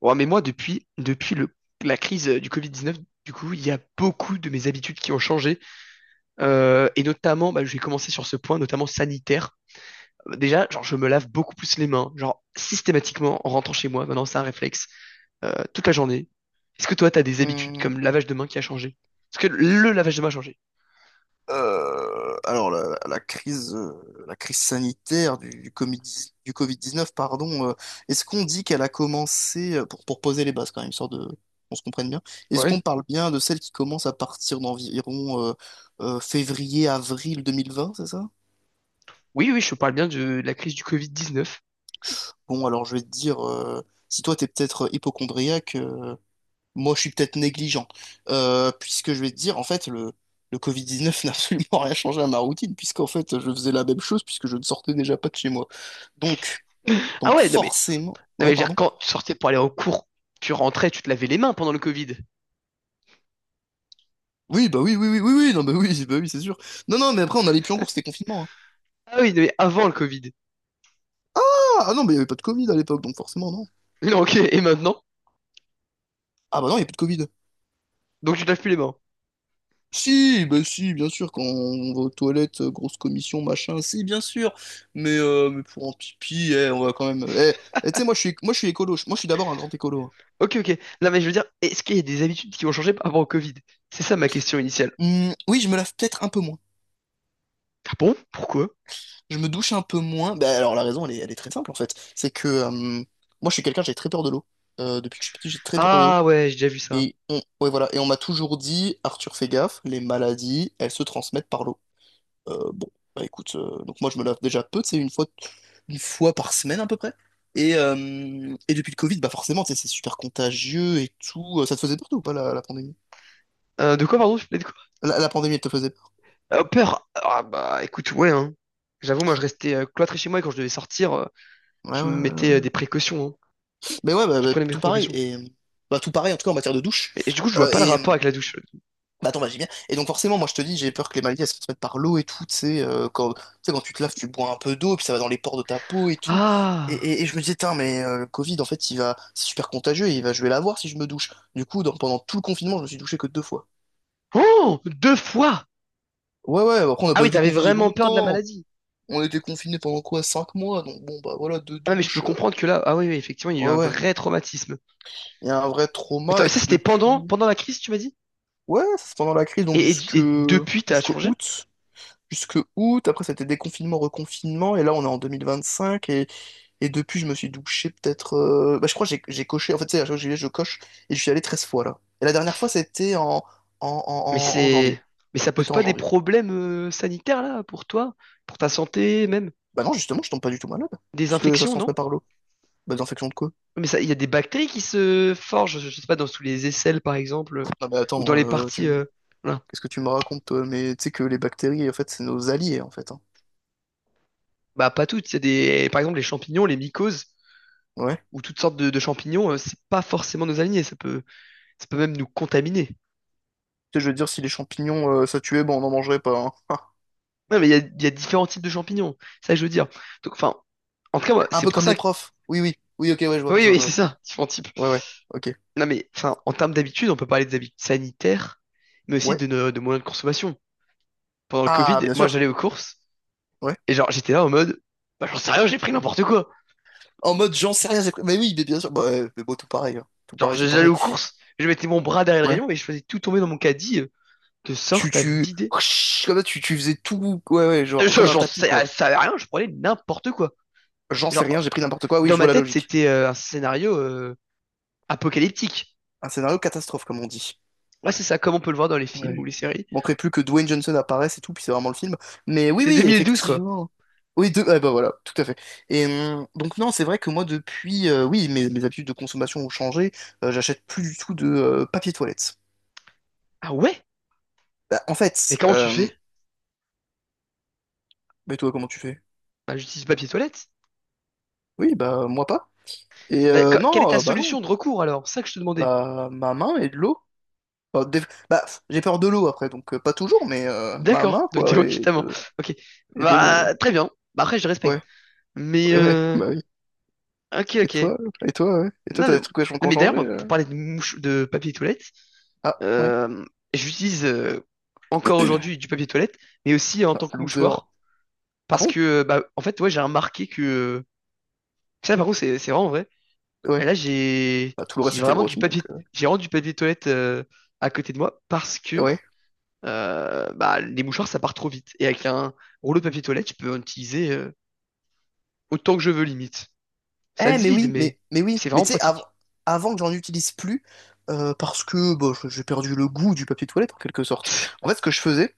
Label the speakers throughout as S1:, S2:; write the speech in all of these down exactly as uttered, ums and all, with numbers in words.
S1: Ouais, mais moi, depuis, depuis le, la crise euh, du covid dix-neuf, du coup, il y a beaucoup de mes habitudes qui ont changé. Euh, et notamment, bah, je vais commencer sur ce point, notamment sanitaire. Euh, Déjà, genre, je me lave beaucoup plus les mains, genre, systématiquement, en rentrant chez moi. Maintenant, c'est un réflexe, euh, toute la journée. Est-ce que toi, t'as des habitudes
S2: Hmm.
S1: comme le lavage de mains qui a changé? Parce que le lavage de mains a changé.
S2: Euh, alors la, la crise, euh, la crise sanitaire du, du Covid, du Covid dix-neuf, pardon. Euh, est-ce qu'on dit qu'elle a commencé euh, pour, pour poser les bases quand même, histoire de qu'on se comprenne bien. Est-ce
S1: Ouais.
S2: qu'on parle bien de celle qui commence à partir d'environ euh, euh, février-avril deux mille vingt, c'est ça?
S1: Oui, oui, je parle bien de la crise du covid dix-neuf.
S2: Bon, alors je vais te dire, euh, si toi t'es peut-être hypocondriaque, moi, je suis peut-être négligent. Euh, puisque je vais te dire, en fait, le, le covid dix-neuf n'a absolument rien changé à ma routine, puisqu'en fait, je faisais la même chose, puisque je ne sortais déjà pas de chez moi. Donc,
S1: Ah
S2: donc
S1: ouais, non mais,
S2: forcément.
S1: non
S2: Ouais,
S1: mais je veux dire,
S2: pardon.
S1: quand tu sortais pour aller au cours, tu rentrais, tu te lavais les mains pendant le Covid.
S2: Oui, bah oui, oui, oui, oui, oui, non, bah oui, bah oui, c'est sûr. Non, non, mais après, on allait plus en cours, c'était confinement, hein.
S1: Ah oui, mais avant le Covid.
S2: Ah, ah non, mais il n'y avait pas de Covid à l'époque, donc forcément, non.
S1: Non, ok, et maintenant?
S2: Ah bah non, il n'y a plus de Covid.
S1: Donc tu te laves plus les mains.
S2: Si, bah si, bien sûr, quand on va aux toilettes, euh, grosse commission, machin, si, bien sûr. Mais, euh, mais pour un pipi, eh, on va quand même. Eh, eh, tu sais, moi, je suis, moi, je suis écolo. Moi, je suis d'abord un grand écolo, hein.
S1: Ok, ok. Non, mais je veux dire, est-ce qu'il y a des habitudes qui ont changé par rapport au Covid? C'est ça ma question initiale.
S2: Hum, oui, je me lave peut-être un peu moins.
S1: Ah bon? Pourquoi?
S2: Je me douche un peu moins. Bah, alors la raison, elle est, elle est très simple en fait. C'est que euh, moi, je suis quelqu'un, j'ai très peur de l'eau. Euh, depuis que je suis petit, j'ai très peur de l'eau.
S1: Ah ouais, j'ai déjà vu ça.
S2: Et on, ouais, voilà. Et on m'a toujours dit, Arthur, fais gaffe, les maladies, elles se transmettent par l'eau. Euh, bon, bah écoute, euh, donc moi, je me lave déjà peu, c'est une fois, une fois par semaine à peu près. Et, euh, et depuis le Covid, bah forcément, tu sais, c'est super contagieux et tout. Euh, Ça te faisait peur toi, ou pas la, la pandémie?
S1: Euh, de quoi, pardon? Je parlais de quoi?
S2: La, la pandémie, elle te faisait peur?
S1: Euh, peur. Ah bah écoute, ouais, hein. J'avoue, moi je restais euh, cloîtré chez moi et quand je devais sortir, euh,
S2: Ouais,
S1: je me
S2: ouais, ouais,
S1: mettais euh,
S2: ouais.
S1: des précautions, hein.
S2: Mais ouais, bah,
S1: Je
S2: bah,
S1: prenais mes
S2: tout pareil.
S1: précautions.
S2: Et bah, tout pareil, en tout cas en matière de douche.
S1: Mais du coup, je vois
S2: Euh,
S1: pas le
S2: et
S1: rapport avec la douche.
S2: bah, attends, bah, j'ai bien. Et donc forcément, moi je te dis, j'ai peur que les maladies elles se transmettent par l'eau et tout. Tu sais, euh, quand, tu sais, quand tu te laves, tu bois un peu d'eau, puis ça va dans les pores de ta peau et tout. Et,
S1: Ah!
S2: et- et je me disais, tiens, mais euh, le Covid, en fait, il va, c'est super contagieux et il va, je vais l'avoir si je me douche. Du coup, dans- pendant tout le confinement, je me suis douché que deux fois.
S1: Oh! Deux fois!
S2: Ouais, ouais, après, on n'a
S1: Ah
S2: pas
S1: oui,
S2: été
S1: t'avais
S2: confinés
S1: vraiment peur de la
S2: longtemps.
S1: maladie.
S2: On a été confinés pendant quoi? Cinq mois. Donc bon, bah voilà, deux
S1: Ah mais je peux
S2: douches. euh,
S1: comprendre que là, ah oui, oui, effectivement, il y a eu
S2: Ouais,
S1: un
S2: ouais.
S1: vrai traumatisme.
S2: Il y a un vrai
S1: Mais
S2: trauma.
S1: attends,
S2: Et
S1: ça,
S2: puis
S1: c'était pendant,
S2: depuis.
S1: pendant la crise, tu m'as dit?
S2: Ouais, ça c'est pendant la crise, donc
S1: Et, et du-
S2: jusque
S1: et depuis, t'as
S2: jusqu'au
S1: changé?
S2: août. Jusque août, après c'était déconfinement, reconfinement, et là on est en deux mille vingt-cinq, et, et depuis je me suis douché peut-être. euh, Bah, je crois que j'ai j'ai coché, en fait tu sais, à chaque fois que j'y vais, je coche, et je suis allé treize fois là. Et la dernière fois c'était en, en,
S1: Mais
S2: en, en en
S1: c'est,
S2: janvier.
S1: mais ça pose
S2: C'était en
S1: pas des
S2: janvier.
S1: problèmes euh, sanitaires, là, pour toi, pour ta santé, même
S2: Bah non, justement, je tombe pas du tout malade,
S1: des
S2: puisque ça se
S1: infections, non?
S2: transmet par l'eau. Bah d'infection de quoi?
S1: Mais ça, il y a des bactéries qui se forgent, je, je sais pas, dans tous les aisselles, par exemple, euh,
S2: Non mais
S1: ou dans
S2: attends,
S1: les
S2: euh, tu...
S1: parties, euh, voilà.
S2: qu'est-ce que tu me racontes, toi? Mais tu sais que les bactéries, en fait, c'est nos alliés, en fait, hein.
S1: Bah, pas toutes. C'est des, par exemple, les champignons, les mycoses,
S2: Ouais.
S1: ou toutes sortes de, de champignons, euh, c'est pas forcément nos alignés. Ça peut, ça peut même nous contaminer.
S2: Tu sais, je veux dire, si les champignons, euh, ça tuait, bon, on n'en mangerait pas, hein.
S1: Ouais, mais il y a, il y a différents types de champignons. Ça, je veux dire. Donc, enfin, en tout cas, moi,
S2: Un
S1: c'est
S2: peu
S1: pour
S2: comme
S1: ça,
S2: les profs. Oui, oui. Oui, ok, ouais, je vois,
S1: Oui,
S2: je vois,
S1: oui,
S2: je
S1: c'est
S2: vois.
S1: ça, différents types.
S2: Ouais, ouais, ok.
S1: Non, mais enfin, en termes d'habitude, on peut parler des habitudes sanitaires, mais aussi
S2: Ouais.
S1: de, nos, de moyens de consommation. Pendant le
S2: Ah,
S1: Covid,
S2: bien
S1: moi,
S2: sûr.
S1: j'allais aux courses,
S2: Ouais.
S1: et genre, j'étais là en mode, bah, j'en sais rien, j'ai pris n'importe quoi.
S2: En mode, j'en sais rien, c'est quoi. Mais oui, mais bien sûr. Bah, ouais, mais bon, tout pareil, hein. Tout
S1: Genre,
S2: pareil, tout
S1: j'allais
S2: pareil.
S1: aux courses, je mettais mon bras derrière le
S2: Ouais.
S1: rayon et je faisais tout tomber dans mon caddie, euh, de
S2: Tu,
S1: sorte à
S2: tu...
S1: vider.
S2: Comme ça, tu, tu faisais tout. Ouais, ouais, genre,
S1: Je,
S2: comme un
S1: j'en
S2: tapis,
S1: sais, euh, ça
S2: quoi.
S1: savait rien, je prenais n'importe quoi.
S2: J'en sais
S1: Genre,
S2: rien, j'ai pris n'importe quoi. Oui,
S1: dans
S2: je
S1: ma
S2: vois la
S1: tête,
S2: logique.
S1: c'était euh, un scénario euh, apocalyptique.
S2: Un scénario catastrophe, comme on dit.
S1: Ouais, c'est ça, comme on peut le voir dans les films ou
S2: Ouais.
S1: les séries.
S2: Manquerait plus que Dwayne Johnson apparaisse et tout, puis c'est vraiment le film. Mais oui,
S1: C'est
S2: oui,
S1: deux mille douze, quoi.
S2: effectivement. Oui, de... ah bah voilà, tout à fait. Et hum, donc non, c'est vrai que moi depuis, euh, oui, mes, mes habitudes de consommation ont changé. Euh, j'achète plus du tout de euh, papier toilette.
S1: Ah ouais?
S2: Bah, en
S1: Mais
S2: fait,
S1: comment tu
S2: euh,
S1: fais?
S2: mais toi comment tu fais?
S1: Bah, j'utilise papier toilette.
S2: Oui, bah moi pas. Et
S1: Bah,
S2: euh,
S1: que- quelle est ta
S2: non, euh, bah non,
S1: solution de recours alors? C'est ça que je te demandais.
S2: bah ma main et de l'eau. Enfin. des- Bah pff, j'ai peur de l'eau après, donc euh, pas toujours, mais euh, ma
S1: D'accord,
S2: main
S1: donc t'es
S2: quoi et
S1: justement.
S2: de,
S1: Ok.
S2: et de l'eau.
S1: Bah très bien. Bah après je
S2: Ouais,
S1: respecte. Mais
S2: ouais, ouais,
S1: euh...
S2: bah oui.
S1: Ok,
S2: Et
S1: ok.
S2: toi? Et toi, ouais. Et toi,
S1: Non,
S2: t'as
S1: mais,
S2: des
S1: non,
S2: trucs vachement qui ont
S1: mais
S2: changé?
S1: d'ailleurs, moi, pour
S2: euh
S1: parler de mouche de papier toilette,
S2: Ah, ouais.
S1: euh, j'utilise euh, encore aujourd'hui du papier toilette, mais aussi en
S2: Ah,
S1: tant que
S2: loser.
S1: mouchoir.
S2: Ah
S1: Parce
S2: bon?
S1: que euh, bah en fait ouais j'ai remarqué que. Ça par contre c'est c'est vraiment vrai.
S2: Ouais.
S1: Là j'ai
S2: Bah, tout le reste,
S1: j'ai
S2: c'était
S1: vraiment
S2: vrai
S1: du
S2: aussi,
S1: papier
S2: donc. euh,
S1: j'ai vraiment du papier toilette euh, à côté de moi parce que
S2: Ouais.
S1: euh, bah, les mouchoirs, ça part trop vite. Et avec un rouleau de papier toilette, je peux en utiliser euh, autant que je veux, limite. Ça
S2: Eh,
S1: se
S2: mais
S1: vide,
S2: oui,
S1: mais
S2: mais, mais oui.
S1: c'est
S2: Mais
S1: vraiment
S2: tu sais, av-
S1: pratique.
S2: avant que j'en utilise plus, euh, parce que bah, je- j'ai perdu le goût du papier toilette, en quelque sorte. En fait, ce que je faisais,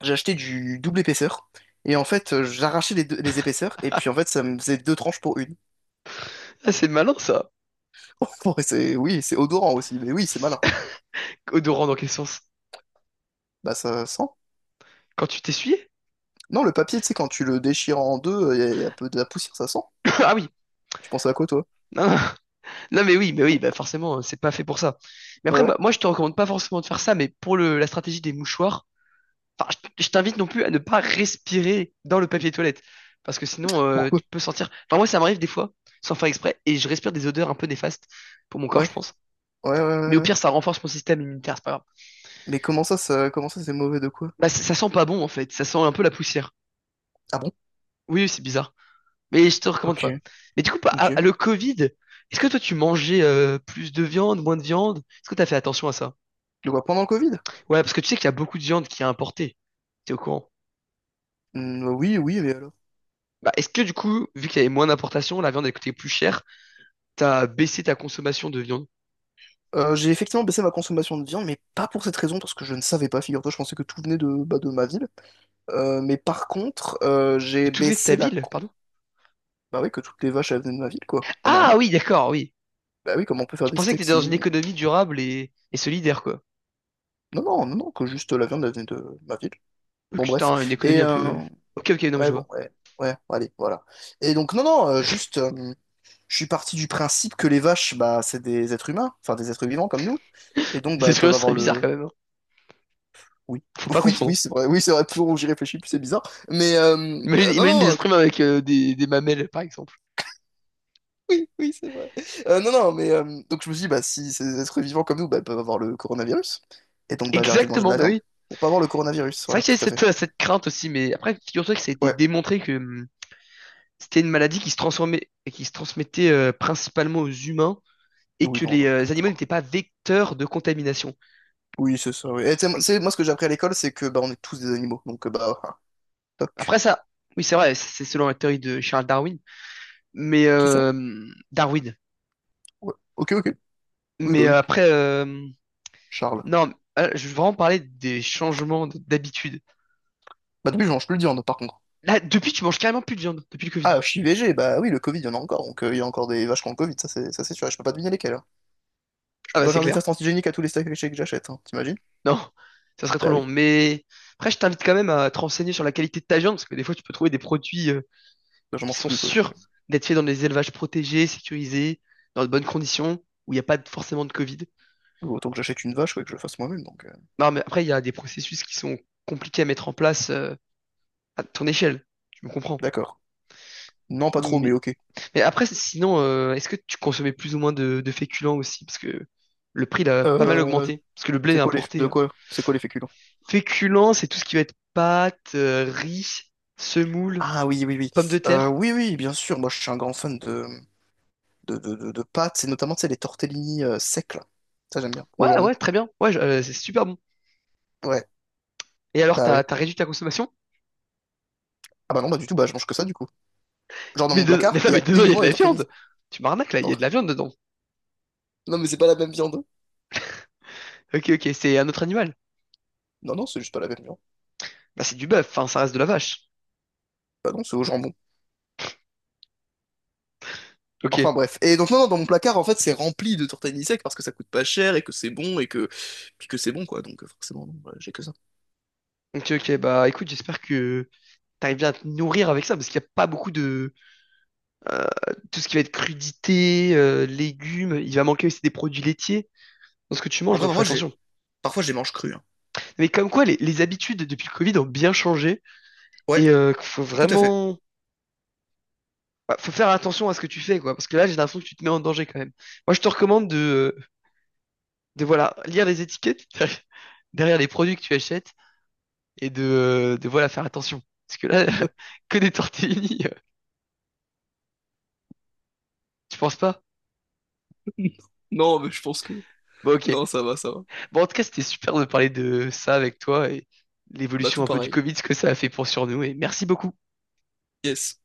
S2: j'achetais du double épaisseur, et en fait, euh, j'arrachais les, deux- les épaisseurs, et puis en fait, ça me faisait deux tranches pour une.
S1: Ah, c'est malin, ça.
S2: Ouais, c'est, oui, c'est odorant aussi, mais oui, c'est malin.
S1: Odorant dans quel sens?
S2: Bah, ça sent.
S1: Quand tu t'essuies
S2: Non, le papier, tu sais, quand tu le déchires en deux, il y, a y a un peu de la poussière, ça sent.
S1: Ah oui.
S2: Tu penses à quoi, toi?
S1: Non, non. Non, mais oui, mais oui, bah forcément, euh, c'est pas fait pour ça. Mais
S2: Ouais,
S1: après,
S2: ouais.
S1: bah, moi, je te recommande pas forcément de faire ça, mais pour le, la stratégie des mouchoirs, enfin, je, je t'invite non plus à ne pas respirer dans le papier toilette. Parce que sinon, euh,
S2: Pourquoi?
S1: tu peux sentir. Enfin, moi, ça m'arrive des fois, sans faire exprès, et je respire des odeurs un peu néfastes pour mon corps,
S2: Ouais,
S1: je pense.
S2: ouais, ouais,
S1: Mais
S2: ouais,
S1: au
S2: ouais.
S1: pire, ça renforce mon système immunitaire, c'est pas grave.
S2: Mais comment ça, ça, comment ça, c'est mauvais de quoi?
S1: Bah, ça, ça sent pas bon en fait, ça sent un peu la poussière.
S2: Ah bon?
S1: Oui, oui, c'est bizarre. Mais je te recommande
S2: Ok,
S1: pas. Mais du coup, pa- à-
S2: ok.
S1: à le Covid, est-ce que toi tu mangeais euh, plus de viande, moins de viande? Est-ce que t'as fait attention à ça?
S2: De quoi pendant le Covid?
S1: Ouais, parce que tu sais qu'il y a beaucoup de viande qui est importée. T'es au courant?
S2: Hmm, oui, oui, mais alors?
S1: Bah, est-ce que du coup, vu qu'il y avait moins d'importation, la viande elle coûtait plus cher, t'as baissé ta consommation de viande?
S2: Euh, j'ai effectivement baissé ma consommation de viande, mais pas pour cette raison, parce que je ne savais pas, figure-toi, je pensais que tout venait de, bah, de ma ville. Euh, mais par contre, euh, j'ai
S1: Tout venait de ta
S2: baissé la
S1: ville,
S2: con.
S1: pardon?
S2: Bah oui, que toutes les vaches, elles venaient de ma ville, quoi. Pas
S1: Ah
S2: normal.
S1: oui, d'accord, oui.
S2: Bah oui, comment on peut faire
S1: Tu
S2: des
S1: pensais que
S2: steaks
S1: t'étais dans une
S2: si.
S1: économie durable et, et solidaire, quoi.
S2: Non, non, non, non, que juste la viande, elle venait de ma ville.
S1: Ok,
S2: Bon,
S1: c'était
S2: bref.
S1: un- une économie
S2: Et,
S1: un
S2: euh,
S1: peu. Ok, ok, non, mais
S2: ouais,
S1: je
S2: bon,
S1: vois.
S2: ouais, ouais, allez, voilà. Et donc, non, non, euh, juste... euh, je suis parti du principe que les vaches, bah, c'est des êtres humains, enfin des êtres vivants comme nous, et donc bah,
S1: Des
S2: elles
S1: esquimaux,
S2: peuvent
S1: ce
S2: avoir
S1: serait bizarre
S2: le.
S1: quand même. Hein.
S2: Oui,
S1: Faut pas
S2: oui,
S1: confondre.
S2: oui, c'est vrai, oui, c'est vrai, plus on- j'y réfléchis, plus c'est bizarre, mais euh,
S1: Imagine,
S2: euh, non,
S1: imagine des
S2: non, euh,
S1: esprits avec euh, des, des mamelles, par exemple.
S2: oui, oui, c'est vrai. Euh, non, non, mais euh, donc je me suis dit, bah, si c'est des êtres vivants comme nous, bah, elles peuvent avoir le coronavirus, et donc bah, j'ai arrêté de manger de
S1: Exactement,
S2: la
S1: mais
S2: viande
S1: oui.
S2: pour pas avoir le coronavirus,
S1: C'est vrai
S2: voilà,
S1: que j'ai
S2: tout à
S1: cette,
S2: fait.
S1: euh, cette crainte aussi, mais après, figure-toi que ça a été
S2: Ouais,
S1: démontré que hum, c'était une maladie qui se transformait, qui se transmettait euh, principalement aux humains et
S2: oui,
S1: que
S2: non,
S1: les
S2: non,
S1: euh,
S2: n'importe
S1: animaux
S2: quoi.
S1: n'étaient pas vecteurs de contamination.
S2: Oui, c'est ça, oui. Et tu sais, moi, c'est- moi, ce que j'ai appris à l'école, c'est que bah, on est tous des animaux, donc euh, bah, ah,
S1: Après
S2: toc.
S1: ça, oui, c'est vrai, c'est selon la théorie de Charles Darwin, mais
S2: Qui ça?
S1: euh, Darwin.
S2: Ouais. Ok, ok. Oui, bah
S1: Mais
S2: oui,
S1: euh, après, euh,
S2: Charles.
S1: non, euh, je veux vraiment parler des changements d- d'habitude.
S2: Bah depuis, je mange plus de viande, par contre.
S1: Là, depuis, tu manges carrément plus de viande, depuis le Covid.
S2: Ah, archi V G, bah oui, le Covid, il y en a encore, donc euh, il y a encore des vaches qui ont le Covid, ça c'est ça c'est sûr, et je peux pas deviner lesquelles, hein. Je
S1: Ah
S2: peux
S1: bah
S2: pas
S1: c'est
S2: faire des
S1: clair.
S2: tests antigéniques à tous les steaks hachés que j'achète, hein, t'imagines?
S1: Non, ça serait trop
S2: Bah
S1: long.
S2: oui,
S1: Mais après, je t'invite quand même à te renseigner sur la qualité de ta viande, parce que des fois, tu peux trouver des produits euh,
S2: bah, j'en
S1: qui
S2: mange
S1: sont
S2: plus quoi, donc
S1: sûrs d'être faits dans des élevages protégés, sécurisés, dans de bonnes conditions, où il n'y a pas de- forcément de Covid.
S2: euh, autant que j'achète une vache, quoi, et que je le fasse moi-même, donc euh,
S1: Non, mais après, il y a des processus qui sont compliqués à mettre en place euh, à ton échelle. Tu me comprends.
S2: d'accord. Non, pas trop, mais
S1: Mais,
S2: ok.
S1: mais après, sinon, euh, est-ce que tu consommais plus ou moins de, de féculents aussi? Parce que le prix, il a pas mal
S2: Euh,
S1: augmenté, parce que le blé est
S2: c'est quoi les
S1: importé.
S2: de
S1: Hein.
S2: quoi? C'est quoi les féculents?
S1: Féculents, c'est tout ce qui va être pâtes, euh, riz, semoule.
S2: Ah oui, oui, oui.
S1: Pommes de
S2: Euh,
S1: terre.
S2: oui, oui, bien sûr, moi je suis un grand fan de de, de, de, de pâtes, et notamment, tu sais, les tortellini euh, secs, là. Ça j'aime bien, au
S1: Ouais,
S2: jambon.
S1: ouais, très bien. Ouais, je- euh, c'est super bon.
S2: Ouais,
S1: Et alors,
S2: bah
S1: t'as,
S2: oui.
S1: t'as réduit ta consommation?
S2: Ah bah non, bah du tout, bah je mange que ça du coup. Genre dans
S1: Mais,
S2: mon
S1: de- mais
S2: placard,
S1: non,
S2: il y a
S1: mais dedans, il y a de
S2: uniquement des
S1: la
S2: tortellini.
S1: viande. Tu m'arnaques là, il
S2: Bon.
S1: y a de la viande dedans.
S2: Non mais c'est pas la même viande, hein.
S1: Ok, ok, c'est un autre animal.
S2: Non, non, c'est juste pas la viande.
S1: Bah, c'est du bœuf, enfin, ça reste de la vache.
S2: Bah non, c'est au jambon.
S1: Ok,
S2: Enfin bref. Et donc non, non, dans mon placard, en fait, c'est rempli de tortellini secs parce que ça coûte pas cher et que c'est bon et que puis que c'est bon quoi. Donc euh, forcément, non, voilà j'ai que ça.
S1: ok, ok, bah écoute, j'espère que t'arrives bien à te nourrir avec ça, parce qu'il n'y a pas beaucoup de. euh, Tout ce qui va être crudité, euh, légumes, il va manquer aussi des produits laitiers dans ce que tu manges,
S2: Après,
S1: donc fais
S2: parfois, j'ai
S1: attention.
S2: parfois je les mange crus, hein.
S1: Mais comme quoi, les, les habitudes depuis le Covid ont bien changé
S2: Ouais,
S1: et euh, faut
S2: tout à fait.
S1: vraiment bah, faut faire attention à ce que tu fais, quoi. Parce que là, j'ai l'impression que tu te mets en danger quand même. Moi, je te recommande de, de voilà, lire les étiquettes derrière les produits que tu achètes et de, de voilà, faire attention. Parce que là, que des tortellini, euh, tu penses pas?
S2: Non, mais je pense que
S1: Bon, ok.
S2: non, ça va, ça va.
S1: Bon, en tout cas, c'était super de parler de ça avec toi et
S2: Bah
S1: l'évolution
S2: tout
S1: un peu du
S2: pareil.
S1: Covid, ce que ça a fait pour sur nous. Et merci beaucoup.
S2: Yes.